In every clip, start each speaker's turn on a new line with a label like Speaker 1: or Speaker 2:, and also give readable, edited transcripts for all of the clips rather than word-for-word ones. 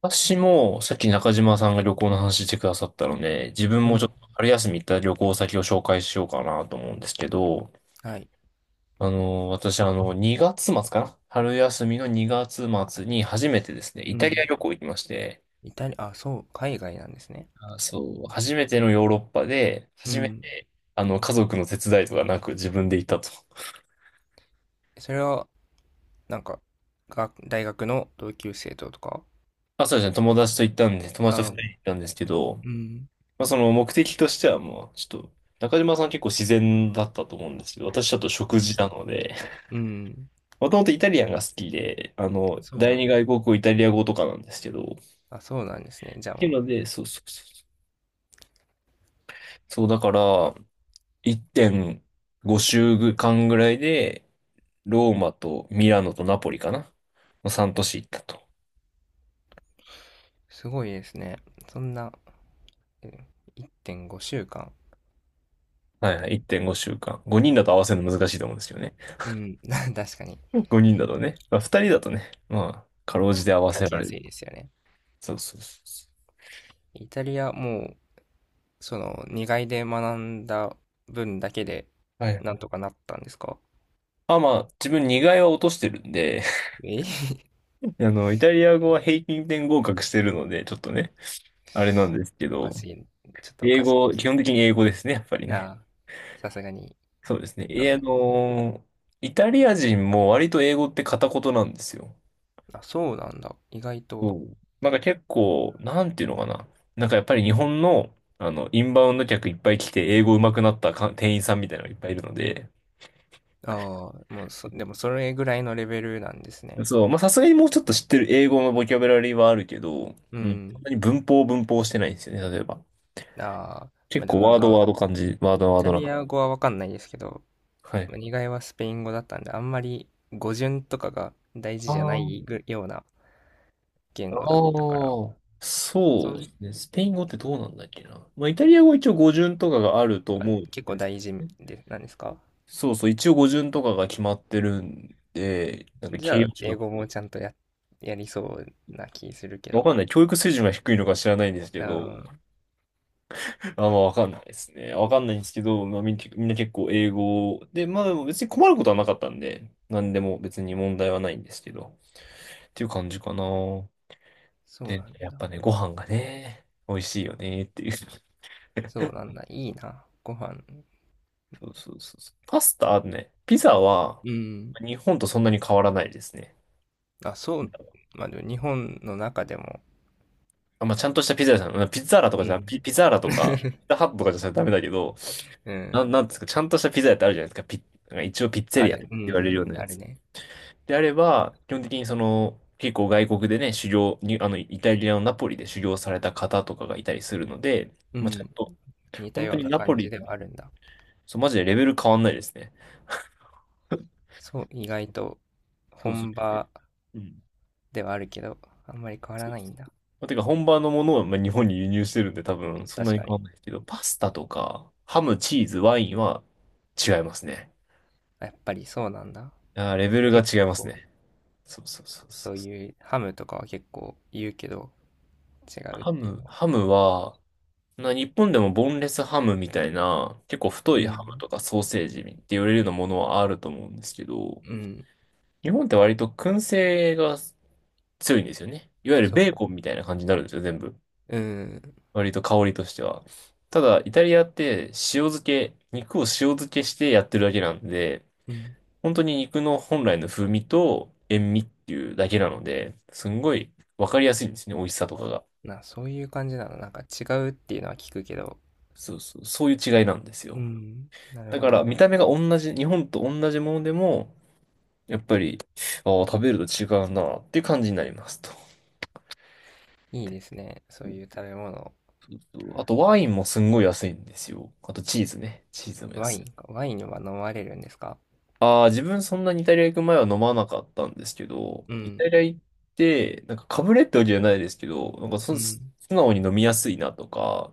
Speaker 1: 私も、さっき中島さんが旅行の話してくださったので、自分
Speaker 2: う
Speaker 1: もちょ
Speaker 2: ん。
Speaker 1: っと春休み行った旅行先を紹介しようかなと思うんですけど、
Speaker 2: はい。
Speaker 1: 私、2月末かな、春休みの2月末に初めてですね、イ
Speaker 2: う
Speaker 1: タリア
Speaker 2: ん。
Speaker 1: 旅行行きまして、
Speaker 2: イタリア、あ、そう、海外なんですね。
Speaker 1: あ、そう、初めてのヨーロッパで、
Speaker 2: う
Speaker 1: 初め
Speaker 2: ん。
Speaker 1: て、家族の手伝いとかなく自分で行ったと。
Speaker 2: それは、なんか、が、大学の同級生ととか、
Speaker 1: あ、そうですね、友達と行ったんで、友達と
Speaker 2: あ、う
Speaker 1: 人
Speaker 2: ん。
Speaker 1: で行ったんですけど、まあ、その目的としてはもう、ちょっと、中島さん結構自然だったと思うんですけど、私ちょっと
Speaker 2: う
Speaker 1: 食
Speaker 2: ん。
Speaker 1: 事なので、
Speaker 2: うん。
Speaker 1: もともとイタリアンが好きで、
Speaker 2: そう
Speaker 1: 第
Speaker 2: なん
Speaker 1: 二
Speaker 2: だ。
Speaker 1: 外国語イタリア語とかなんですけど、っ
Speaker 2: あ、そうなんですね。じゃあ
Speaker 1: てい
Speaker 2: も
Speaker 1: う
Speaker 2: う、
Speaker 1: ので、そうそうそうそう。そうだから、1.5週間ぐらいで、ローマとミラノとナポリかなの3都市行ったと。
Speaker 2: すごいですね。そんな、うん、1.5週間。
Speaker 1: はいはい、1.5週間。5人だと合わせるの難しいと思うんですよね。
Speaker 2: うん。確かに。
Speaker 1: 5人だとね。まあ、2人だとね、まあ、かろうじて合
Speaker 2: ま
Speaker 1: わ
Speaker 2: あ、行
Speaker 1: せ
Speaker 2: き
Speaker 1: ら
Speaker 2: や
Speaker 1: れ
Speaker 2: す
Speaker 1: る。
Speaker 2: いですよね。
Speaker 1: そうそうそうそ
Speaker 2: イタリア、もう、その、2外で学んだ分だけで、
Speaker 1: う。は
Speaker 2: なん
Speaker 1: い。
Speaker 2: とかなったんですか？
Speaker 1: あ、まあ、自分2外は落としてるんで、
Speaker 2: え。
Speaker 1: イタリア語は平均点合格してるので、ちょっとね、あれなんですけ
Speaker 2: おかし
Speaker 1: ど、
Speaker 2: い。ちょっとお
Speaker 1: 英
Speaker 2: かしいで
Speaker 1: 語、
Speaker 2: す
Speaker 1: 基本
Speaker 2: ね。
Speaker 1: 的に英語ですね、やっぱりね。
Speaker 2: ああ、さすがに、
Speaker 1: そうですね。
Speaker 2: そう
Speaker 1: え、
Speaker 2: なんですね。
Speaker 1: イタリア人も割と英語って片言なんですよ。
Speaker 2: あ、そうなんだ。意外と。
Speaker 1: そう、なんか結構、なんていうのかな。なんかやっぱり日本の、インバウンド客いっぱい来て、英語上手くなったか店員さんみたいなのがいっぱいいるので、
Speaker 2: ああ、もうでもそれぐらいのレベルなんですね。
Speaker 1: そう、まあさすがにもうちょっと知ってる英語のボキャブラリーはあるけど、
Speaker 2: う
Speaker 1: うん、そん
Speaker 2: ん。
Speaker 1: なに文法文法してないんですよね、例えば。
Speaker 2: ああ、ま
Speaker 1: 結
Speaker 2: あでも
Speaker 1: 構
Speaker 2: なん
Speaker 1: ワード
Speaker 2: か、
Speaker 1: ワード感じ、ワード
Speaker 2: イ
Speaker 1: ワー
Speaker 2: タ
Speaker 1: ド
Speaker 2: リ
Speaker 1: な。
Speaker 2: ア語はわかんないですけど、
Speaker 1: はい。
Speaker 2: まあにがいはスペイン語だったんで、あんまり語順とかが大事
Speaker 1: あ
Speaker 2: じゃない
Speaker 1: あ
Speaker 2: ぐような言
Speaker 1: ああ、
Speaker 2: 語だったから、
Speaker 1: そ
Speaker 2: そ
Speaker 1: うで
Speaker 2: ういう、
Speaker 1: すね。スペイン語ってどうなんだっけな。まあ、イタリア語は一応語順とかがあると
Speaker 2: あ、
Speaker 1: 思うんで
Speaker 2: 結構
Speaker 1: す
Speaker 2: 大事
Speaker 1: けどね。
Speaker 2: で、なんですか？
Speaker 1: そうそう、一応語順とかが決まってるんで、なんか
Speaker 2: じ
Speaker 1: 形
Speaker 2: ゃあ、
Speaker 1: 容詞
Speaker 2: 英
Speaker 1: が、
Speaker 2: 語もちゃんとやりそうな気するけ
Speaker 1: わ
Speaker 2: ど。
Speaker 1: かんない。教育水準が低いのか知らないんですけ
Speaker 2: う
Speaker 1: ど、
Speaker 2: ん、
Speaker 1: あんまわかんないですね。わかんないんですけど、まあ、みんな結構英語で、まあでも別に困ることはなかったんで、なんでも別に問題はないんですけど、っていう感じかな。
Speaker 2: そう
Speaker 1: で、
Speaker 2: なん
Speaker 1: やっ
Speaker 2: だ。
Speaker 1: ぱね、ご飯がね、美味しいよねっていう。
Speaker 2: そうなんだ。いいな。ご飯。
Speaker 1: そうそうそうそう。パスタあるね。ピザは、
Speaker 2: うん。
Speaker 1: 日本とそんなに変わらないですね。
Speaker 2: あ、そう。まあ、でも日本の中でも、
Speaker 1: あ、まあ、ちゃんとしたピザ屋さん、うんピザーラとか
Speaker 2: う
Speaker 1: じゃな、
Speaker 2: ん。
Speaker 1: ピザーラとか、ピザハットとかじゃダメだけど、
Speaker 2: うん。
Speaker 1: なんですか、ちゃんとしたピザ屋ってあるじゃないですか。なんか一応ピッツェ
Speaker 2: あ
Speaker 1: リアっ
Speaker 2: る。
Speaker 1: て
Speaker 2: う
Speaker 1: 言われるよ
Speaker 2: ん。
Speaker 1: うなや
Speaker 2: ある
Speaker 1: つ。
Speaker 2: ね。
Speaker 1: であれば、基本的にその、結構外国でね、修行に、イタリアのナポリで修行された方とかがいたりするので、
Speaker 2: う
Speaker 1: まあ、ちゃん
Speaker 2: ん。
Speaker 1: と、
Speaker 2: 似た
Speaker 1: 本当
Speaker 2: よう
Speaker 1: に
Speaker 2: な
Speaker 1: ナポ
Speaker 2: 感じ
Speaker 1: リ、
Speaker 2: ではあるんだ。
Speaker 1: そう、マジでレベル変わんないですね。
Speaker 2: そう、意外と
Speaker 1: そうそう。
Speaker 2: 本場
Speaker 1: うん、
Speaker 2: ではあるけど、あんまり変わらないんだ。
Speaker 1: まあ、てか本場のものをまあ日本に輸入してるんで多分そんな
Speaker 2: 確
Speaker 1: に
Speaker 2: か
Speaker 1: 変わ
Speaker 2: に。
Speaker 1: んないですけど、パスタとかハム、チーズ、ワインは違いますね。
Speaker 2: あ、やっぱりそうなんだ。
Speaker 1: あー、レベルが
Speaker 2: 結
Speaker 1: 違います
Speaker 2: 構、
Speaker 1: ね。そうそうそうそ
Speaker 2: そう
Speaker 1: うそ
Speaker 2: い
Speaker 1: う。
Speaker 2: うハムとかは結構言うけど、違うっていうの。
Speaker 1: ハムは、日本でもボンレスハムみたいな、結構太
Speaker 2: う
Speaker 1: いハム
Speaker 2: ん。
Speaker 1: とかソーセージって言われるようなものはあると思うんですけど、
Speaker 2: うん。
Speaker 1: 日本って割と燻製が強いんですよね。いわゆる
Speaker 2: そう。
Speaker 1: ベーコンみたいな感じになるんですよ、全部。
Speaker 2: うん。
Speaker 1: 割と香りとしては。ただ、イタリアって塩漬け、肉を塩漬けしてやってるだけなんで、
Speaker 2: うん。
Speaker 1: 本当に肉の本来の風味と塩味っていうだけなので、すんごいわかりやすいんですね、美味しさとかが。
Speaker 2: そういう感じなの。なんか違うっていうのは聞くけど。
Speaker 1: そうそう、そういう違いなんです
Speaker 2: う
Speaker 1: よ。
Speaker 2: ん。なる
Speaker 1: だ
Speaker 2: ほ
Speaker 1: から
Speaker 2: ど。
Speaker 1: 見た目が同じ、日本と同じものでも、やっぱり、ああ、食べると違うなっていう感じになりますと。そ
Speaker 2: いいですね。そういう食べ物。
Speaker 1: うそうそう、あとワインもすんごい安いんですよ。あとチーズね。チーズも
Speaker 2: ワ
Speaker 1: 安
Speaker 2: イン
Speaker 1: い。
Speaker 2: か。ワインは飲まれるんですか？
Speaker 1: ああ、自分そんなにイタリア行く前は飲まなかったんですけど、
Speaker 2: う
Speaker 1: イタ
Speaker 2: ん、
Speaker 1: リア行って、なんかかぶれってわけじゃないですけど、なんか
Speaker 2: う
Speaker 1: 素
Speaker 2: ん、
Speaker 1: 直に飲みやすいなとか、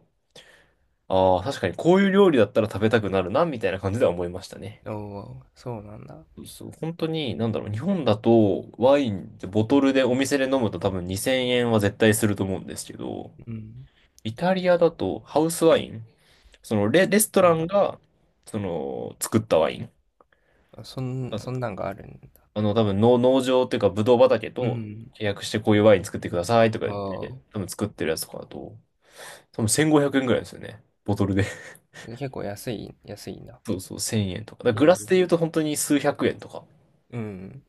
Speaker 1: ああ、確かにこういう料理だったら食べたくなるな、みたいな感じでは思いましたね。
Speaker 2: おお、そうなんだ。
Speaker 1: そうそう、本当に、なんだろう、日本だとワインってボトルでお店で飲むと多分2000円は絶対すると思うんですけど、
Speaker 2: うん、
Speaker 1: イタリアだとハウスワイン、その、レスト
Speaker 2: う
Speaker 1: ラ
Speaker 2: ん。
Speaker 1: ンが、その、作ったワイン。
Speaker 2: あ、そんなんがあるんだ。
Speaker 1: 多分農場っていうか、ブドウ畑
Speaker 2: う
Speaker 1: と
Speaker 2: ん。
Speaker 1: 契約してこういうワイン作ってくださいとか
Speaker 2: あ
Speaker 1: 言って、
Speaker 2: あ。
Speaker 1: 多分作ってるやつとかだと、多分1500円ぐらいですよね。ボトルで。
Speaker 2: で結構安いんだ。
Speaker 1: そうそう、1000円とか。だか
Speaker 2: え
Speaker 1: らグラス
Speaker 2: ー、
Speaker 1: で言うと本当に数百円とか。
Speaker 2: うん。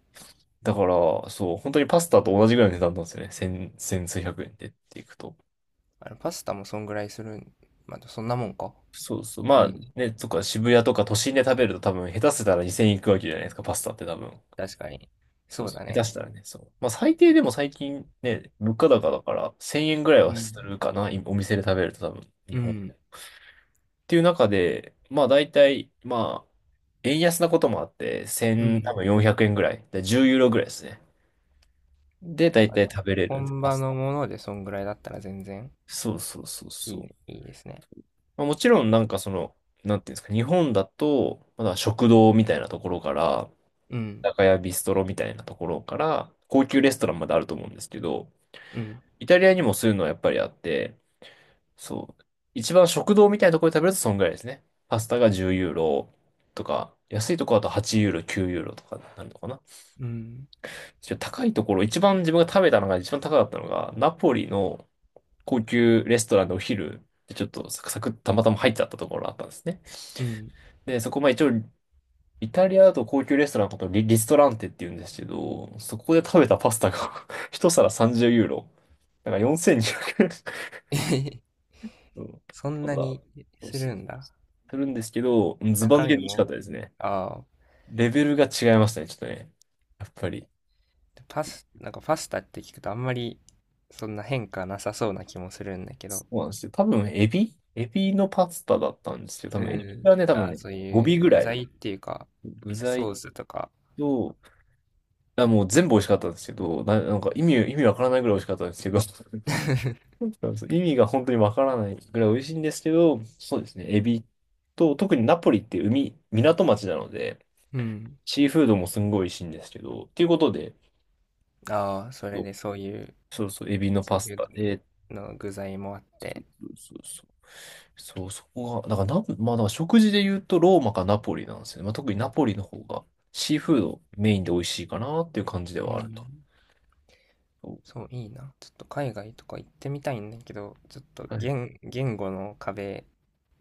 Speaker 1: だから、そう、本当にパスタと同じぐらいの値段なんですよね。千数百円でっていくと。
Speaker 2: あのパスタもそんぐらいするん。まあ、そんなもんか。
Speaker 1: そうそう。
Speaker 2: う
Speaker 1: まあ
Speaker 2: ん。
Speaker 1: ね、とか渋谷とか都心で食べると多分下手せたら2000円いくわけじゃないですか、パスタって多分。
Speaker 2: 確かに。
Speaker 1: そう
Speaker 2: そう
Speaker 1: そう、
Speaker 2: だ
Speaker 1: 下手し
Speaker 2: ね。
Speaker 1: たらね、そう。まあ最低でも最近ね、物価高だから1000円ぐらいは
Speaker 2: う
Speaker 1: す
Speaker 2: ん、
Speaker 1: るかな、今お店で食べると多分、日
Speaker 2: う
Speaker 1: 本
Speaker 2: ん。
Speaker 1: で。っていう中で、まあ大体、まあ、円安なこともあって、
Speaker 2: う
Speaker 1: 1多
Speaker 2: ん。
Speaker 1: 分400円ぐらい、で10ユーロぐらいですね。で、大
Speaker 2: あ
Speaker 1: 体
Speaker 2: の、
Speaker 1: 食べれるんです。
Speaker 2: 本
Speaker 1: パ
Speaker 2: 場
Speaker 1: スタ。
Speaker 2: のものでそんぐらいだったら全然
Speaker 1: そうそうそう
Speaker 2: いい
Speaker 1: そ
Speaker 2: ね、
Speaker 1: う。
Speaker 2: いいですね。
Speaker 1: まあ、もちろんなんかその、なんていうんですか、日本だと、まだ食堂みたいなところから、
Speaker 2: うん、
Speaker 1: 居酒屋ビストロみたいなところから、高級レストランまであると思うんですけど、
Speaker 2: うん、
Speaker 1: イタリアにもそういうのはやっぱりあって、そう。一番食堂みたいなところで食べるとそんぐらいですね。パスタが10ユーロとか、安いところだと8ユーロ、9ユーロとかになるのかな。
Speaker 2: うん。
Speaker 1: ちょっと高いところ、一番自分が食べたのが一番高かったのが、ナポリの高級レストランのお昼でちょっとサクサクたまたま入っちゃったところあったんですね。
Speaker 2: うん。
Speaker 1: で、そこまあ一応、イタリアだと高級レストランのことをリストランテって言うんですけど、そこで食べたパスタが 一皿30ユーロ。だから4020
Speaker 2: えへへ。
Speaker 1: そう。
Speaker 2: そん
Speaker 1: ただ、
Speaker 2: なに
Speaker 1: そう
Speaker 2: す
Speaker 1: そう。
Speaker 2: るんだ。
Speaker 1: するんですけど、ズバ抜
Speaker 2: 中
Speaker 1: けて
Speaker 2: 身
Speaker 1: 美味しかっ
Speaker 2: も。
Speaker 1: たですね。
Speaker 2: ああ、
Speaker 1: レベルが違いましたね、ちょっとね。やっぱり。
Speaker 2: なんかパスタって聞くとあんまりそんな変化なさそうな気もするんだけ
Speaker 1: そ
Speaker 2: ど。
Speaker 1: うなんですよ。多分、エビのパスタだったんですけど、多
Speaker 2: う
Speaker 1: 分、エビ
Speaker 2: ん。
Speaker 1: がね、多分
Speaker 2: ああ、
Speaker 1: ね、
Speaker 2: そう
Speaker 1: 5尾
Speaker 2: いう
Speaker 1: ぐ
Speaker 2: 具
Speaker 1: らい。
Speaker 2: 材っていうか、
Speaker 1: 具材
Speaker 2: ソースとか。
Speaker 1: と、あ、もう全部美味しかったんですけど、なんか意味わからないぐらい美味しかったんですけど、そ うそう意味が本当にわからないぐらい美味しいんですけど、そうですね、エビと、特にナポリって海、港町なので、
Speaker 2: うん。
Speaker 1: シーフードもすんごい美味しいんですけど、っていうことで、
Speaker 2: ああ、それでそういう
Speaker 1: そうそう、エビの
Speaker 2: シ
Speaker 1: パ
Speaker 2: ー
Speaker 1: ス
Speaker 2: フ
Speaker 1: タで、
Speaker 2: ードの具材もあっ
Speaker 1: そう
Speaker 2: て。
Speaker 1: そうそう。そう、そこが、だからナポ、まあ、だから食事で言うとローマかナポリなんですよね。まあ、特にナポリの方がシーフードメインで美味しいかなっていう感じで
Speaker 2: う
Speaker 1: はある
Speaker 2: ん。
Speaker 1: と。そ
Speaker 2: そう、いいな。ちょっと海外とか行ってみたいんだけど、ちょっと
Speaker 1: うはい、
Speaker 2: 言語の壁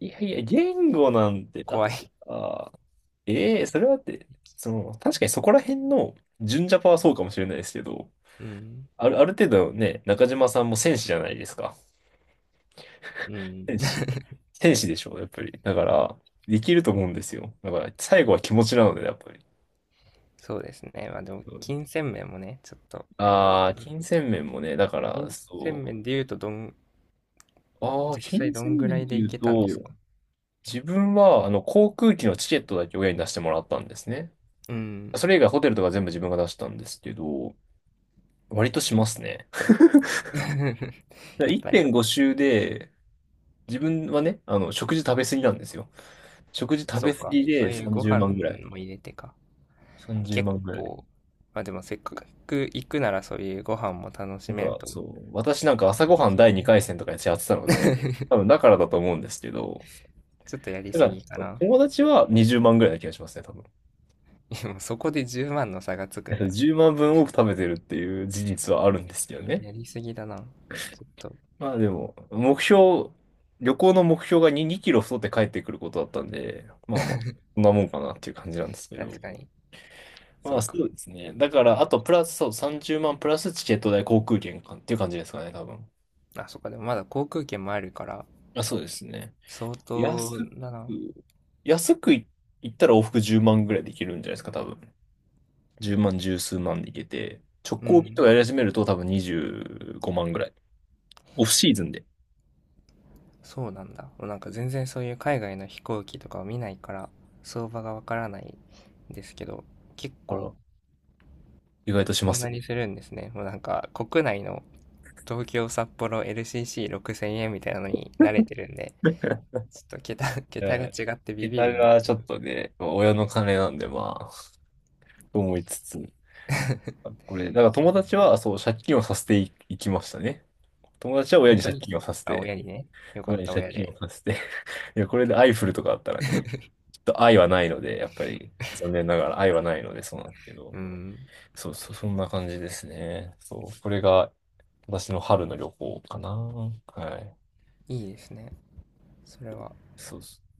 Speaker 1: いやいや、言語なんて、だ
Speaker 2: 怖
Speaker 1: って
Speaker 2: い。
Speaker 1: さ、ええそれはだって、その、確かにそこら辺の純ジャパはそうかもしれないですけど、
Speaker 2: うん。
Speaker 1: ある程度ね、中島さんも戦士じゃないですか。
Speaker 2: うん。
Speaker 1: 天使。天使でしょ、やっぱり。だから、できると思うんですよ。だから、最後は気持ちなので、やっぱり。
Speaker 2: そうですね。まあでも、金銭面もね、ちょっとあります
Speaker 1: ああ
Speaker 2: け
Speaker 1: ー、
Speaker 2: ど、
Speaker 1: 金銭面もね、だから、
Speaker 2: 金銭
Speaker 1: そ
Speaker 2: 面で言うと、
Speaker 1: う。ああ、
Speaker 2: 実際
Speaker 1: 金
Speaker 2: どん
Speaker 1: 銭
Speaker 2: ぐら
Speaker 1: 面っ
Speaker 2: い
Speaker 1: て
Speaker 2: で
Speaker 1: い
Speaker 2: 行
Speaker 1: う
Speaker 2: けたんです
Speaker 1: と、
Speaker 2: か？
Speaker 1: 自分は、あの、航空機のチケットだけ親に出してもらったんですね。
Speaker 2: うん。
Speaker 1: それ以外ホテルとか全部自分が出したんですけど、割としますね。だか ら
Speaker 2: やっぱり。
Speaker 1: 1.5周で、自分はね、あの、食事食べ過ぎなんですよ。食事
Speaker 2: あ、
Speaker 1: 食
Speaker 2: そ
Speaker 1: べ
Speaker 2: う
Speaker 1: 過
Speaker 2: か。
Speaker 1: ぎ
Speaker 2: そう
Speaker 1: で
Speaker 2: いうご
Speaker 1: 30
Speaker 2: 飯
Speaker 1: 万ぐらい。
Speaker 2: も入れてか。
Speaker 1: 30
Speaker 2: 結
Speaker 1: 万ぐらい。
Speaker 2: 構、まあでもせっかく行くならそういうご飯も楽し
Speaker 1: なん
Speaker 2: める
Speaker 1: か、
Speaker 2: と
Speaker 1: そう、私なんか朝
Speaker 2: い
Speaker 1: ご
Speaker 2: いで
Speaker 1: はん
Speaker 2: すも
Speaker 1: 第
Speaker 2: んね。
Speaker 1: 2回戦とかやってたので、多 分だからだと思うんですけど、
Speaker 2: ちょっとやり
Speaker 1: だか
Speaker 2: すぎか
Speaker 1: ら、
Speaker 2: な。
Speaker 1: 友達は20万ぐらいな気がしますね、多分。
Speaker 2: でもそこで10万の差がつく
Speaker 1: えっ
Speaker 2: ん
Speaker 1: と
Speaker 2: だ。
Speaker 1: 10万分多く食べてるっていう事実はあるんですけどね。
Speaker 2: やりすぎだな。ちょっと、
Speaker 1: まあでも、目標、旅行の目標が2キロ太って帰ってくることだったんで、まあまあ、そんなもんかなっていう感じなんですけど。
Speaker 2: 確かに。
Speaker 1: ま
Speaker 2: そ
Speaker 1: あ
Speaker 2: う
Speaker 1: そ
Speaker 2: か。
Speaker 1: うですね。だから、あとプラス、そう、30万プラスチケット代、航空券かっていう感じですかね、多分。
Speaker 2: あ、そっか。でもまだ航空券もあるから、
Speaker 1: まあ、そうですね。
Speaker 2: 相
Speaker 1: 安
Speaker 2: 当
Speaker 1: く、
Speaker 2: だな。
Speaker 1: 安くい、行ったら往復10万ぐらいで行けるんじゃないですか、多分。10万、十数万で行けて、直
Speaker 2: う
Speaker 1: 行便と
Speaker 2: ん。
Speaker 1: かやり始めると多分25万ぐらい。オフシーズンで。
Speaker 2: そうなんだ。なんか全然そういう海外の飛行機とかを見ないから相場がわからないんですけど、結
Speaker 1: あ
Speaker 2: 構
Speaker 1: ら、意外とし
Speaker 2: そ
Speaker 1: ま
Speaker 2: ん
Speaker 1: すよ
Speaker 2: な
Speaker 1: ね。
Speaker 2: にするんですね。もうなんか国内の東京、札幌、LCC 6,000 円みたいなのに慣れてるんで、ちょっと桁、
Speaker 1: う
Speaker 2: 桁が
Speaker 1: ん、
Speaker 2: 違ってビビる
Speaker 1: 桁
Speaker 2: んです
Speaker 1: が
Speaker 2: け
Speaker 1: ちょ
Speaker 2: ど。
Speaker 1: っとね、まあ親の金なんでまあ、と思いつつ。あこれ、だから
Speaker 2: す
Speaker 1: 友
Speaker 2: ごい
Speaker 1: 達
Speaker 2: な。
Speaker 1: はそう、借金をさせてい、いきましたね。友達は親
Speaker 2: 本
Speaker 1: に
Speaker 2: 当
Speaker 1: 借
Speaker 2: に。
Speaker 1: 金をさせ
Speaker 2: あ、
Speaker 1: て、
Speaker 2: 親にね。よか
Speaker 1: 親
Speaker 2: っ
Speaker 1: に
Speaker 2: た、
Speaker 1: 借
Speaker 2: 親
Speaker 1: 金を
Speaker 2: で。
Speaker 1: させて。いや、これでアイフルとかあったらね、と愛はないので、やっぱり残念ながら愛はないのでそうなんですけど、
Speaker 2: うん。
Speaker 1: そうそう、そんな感じですね。そう、これが私の春の旅行かな。はい。
Speaker 2: いいですね。それは。
Speaker 1: そうそう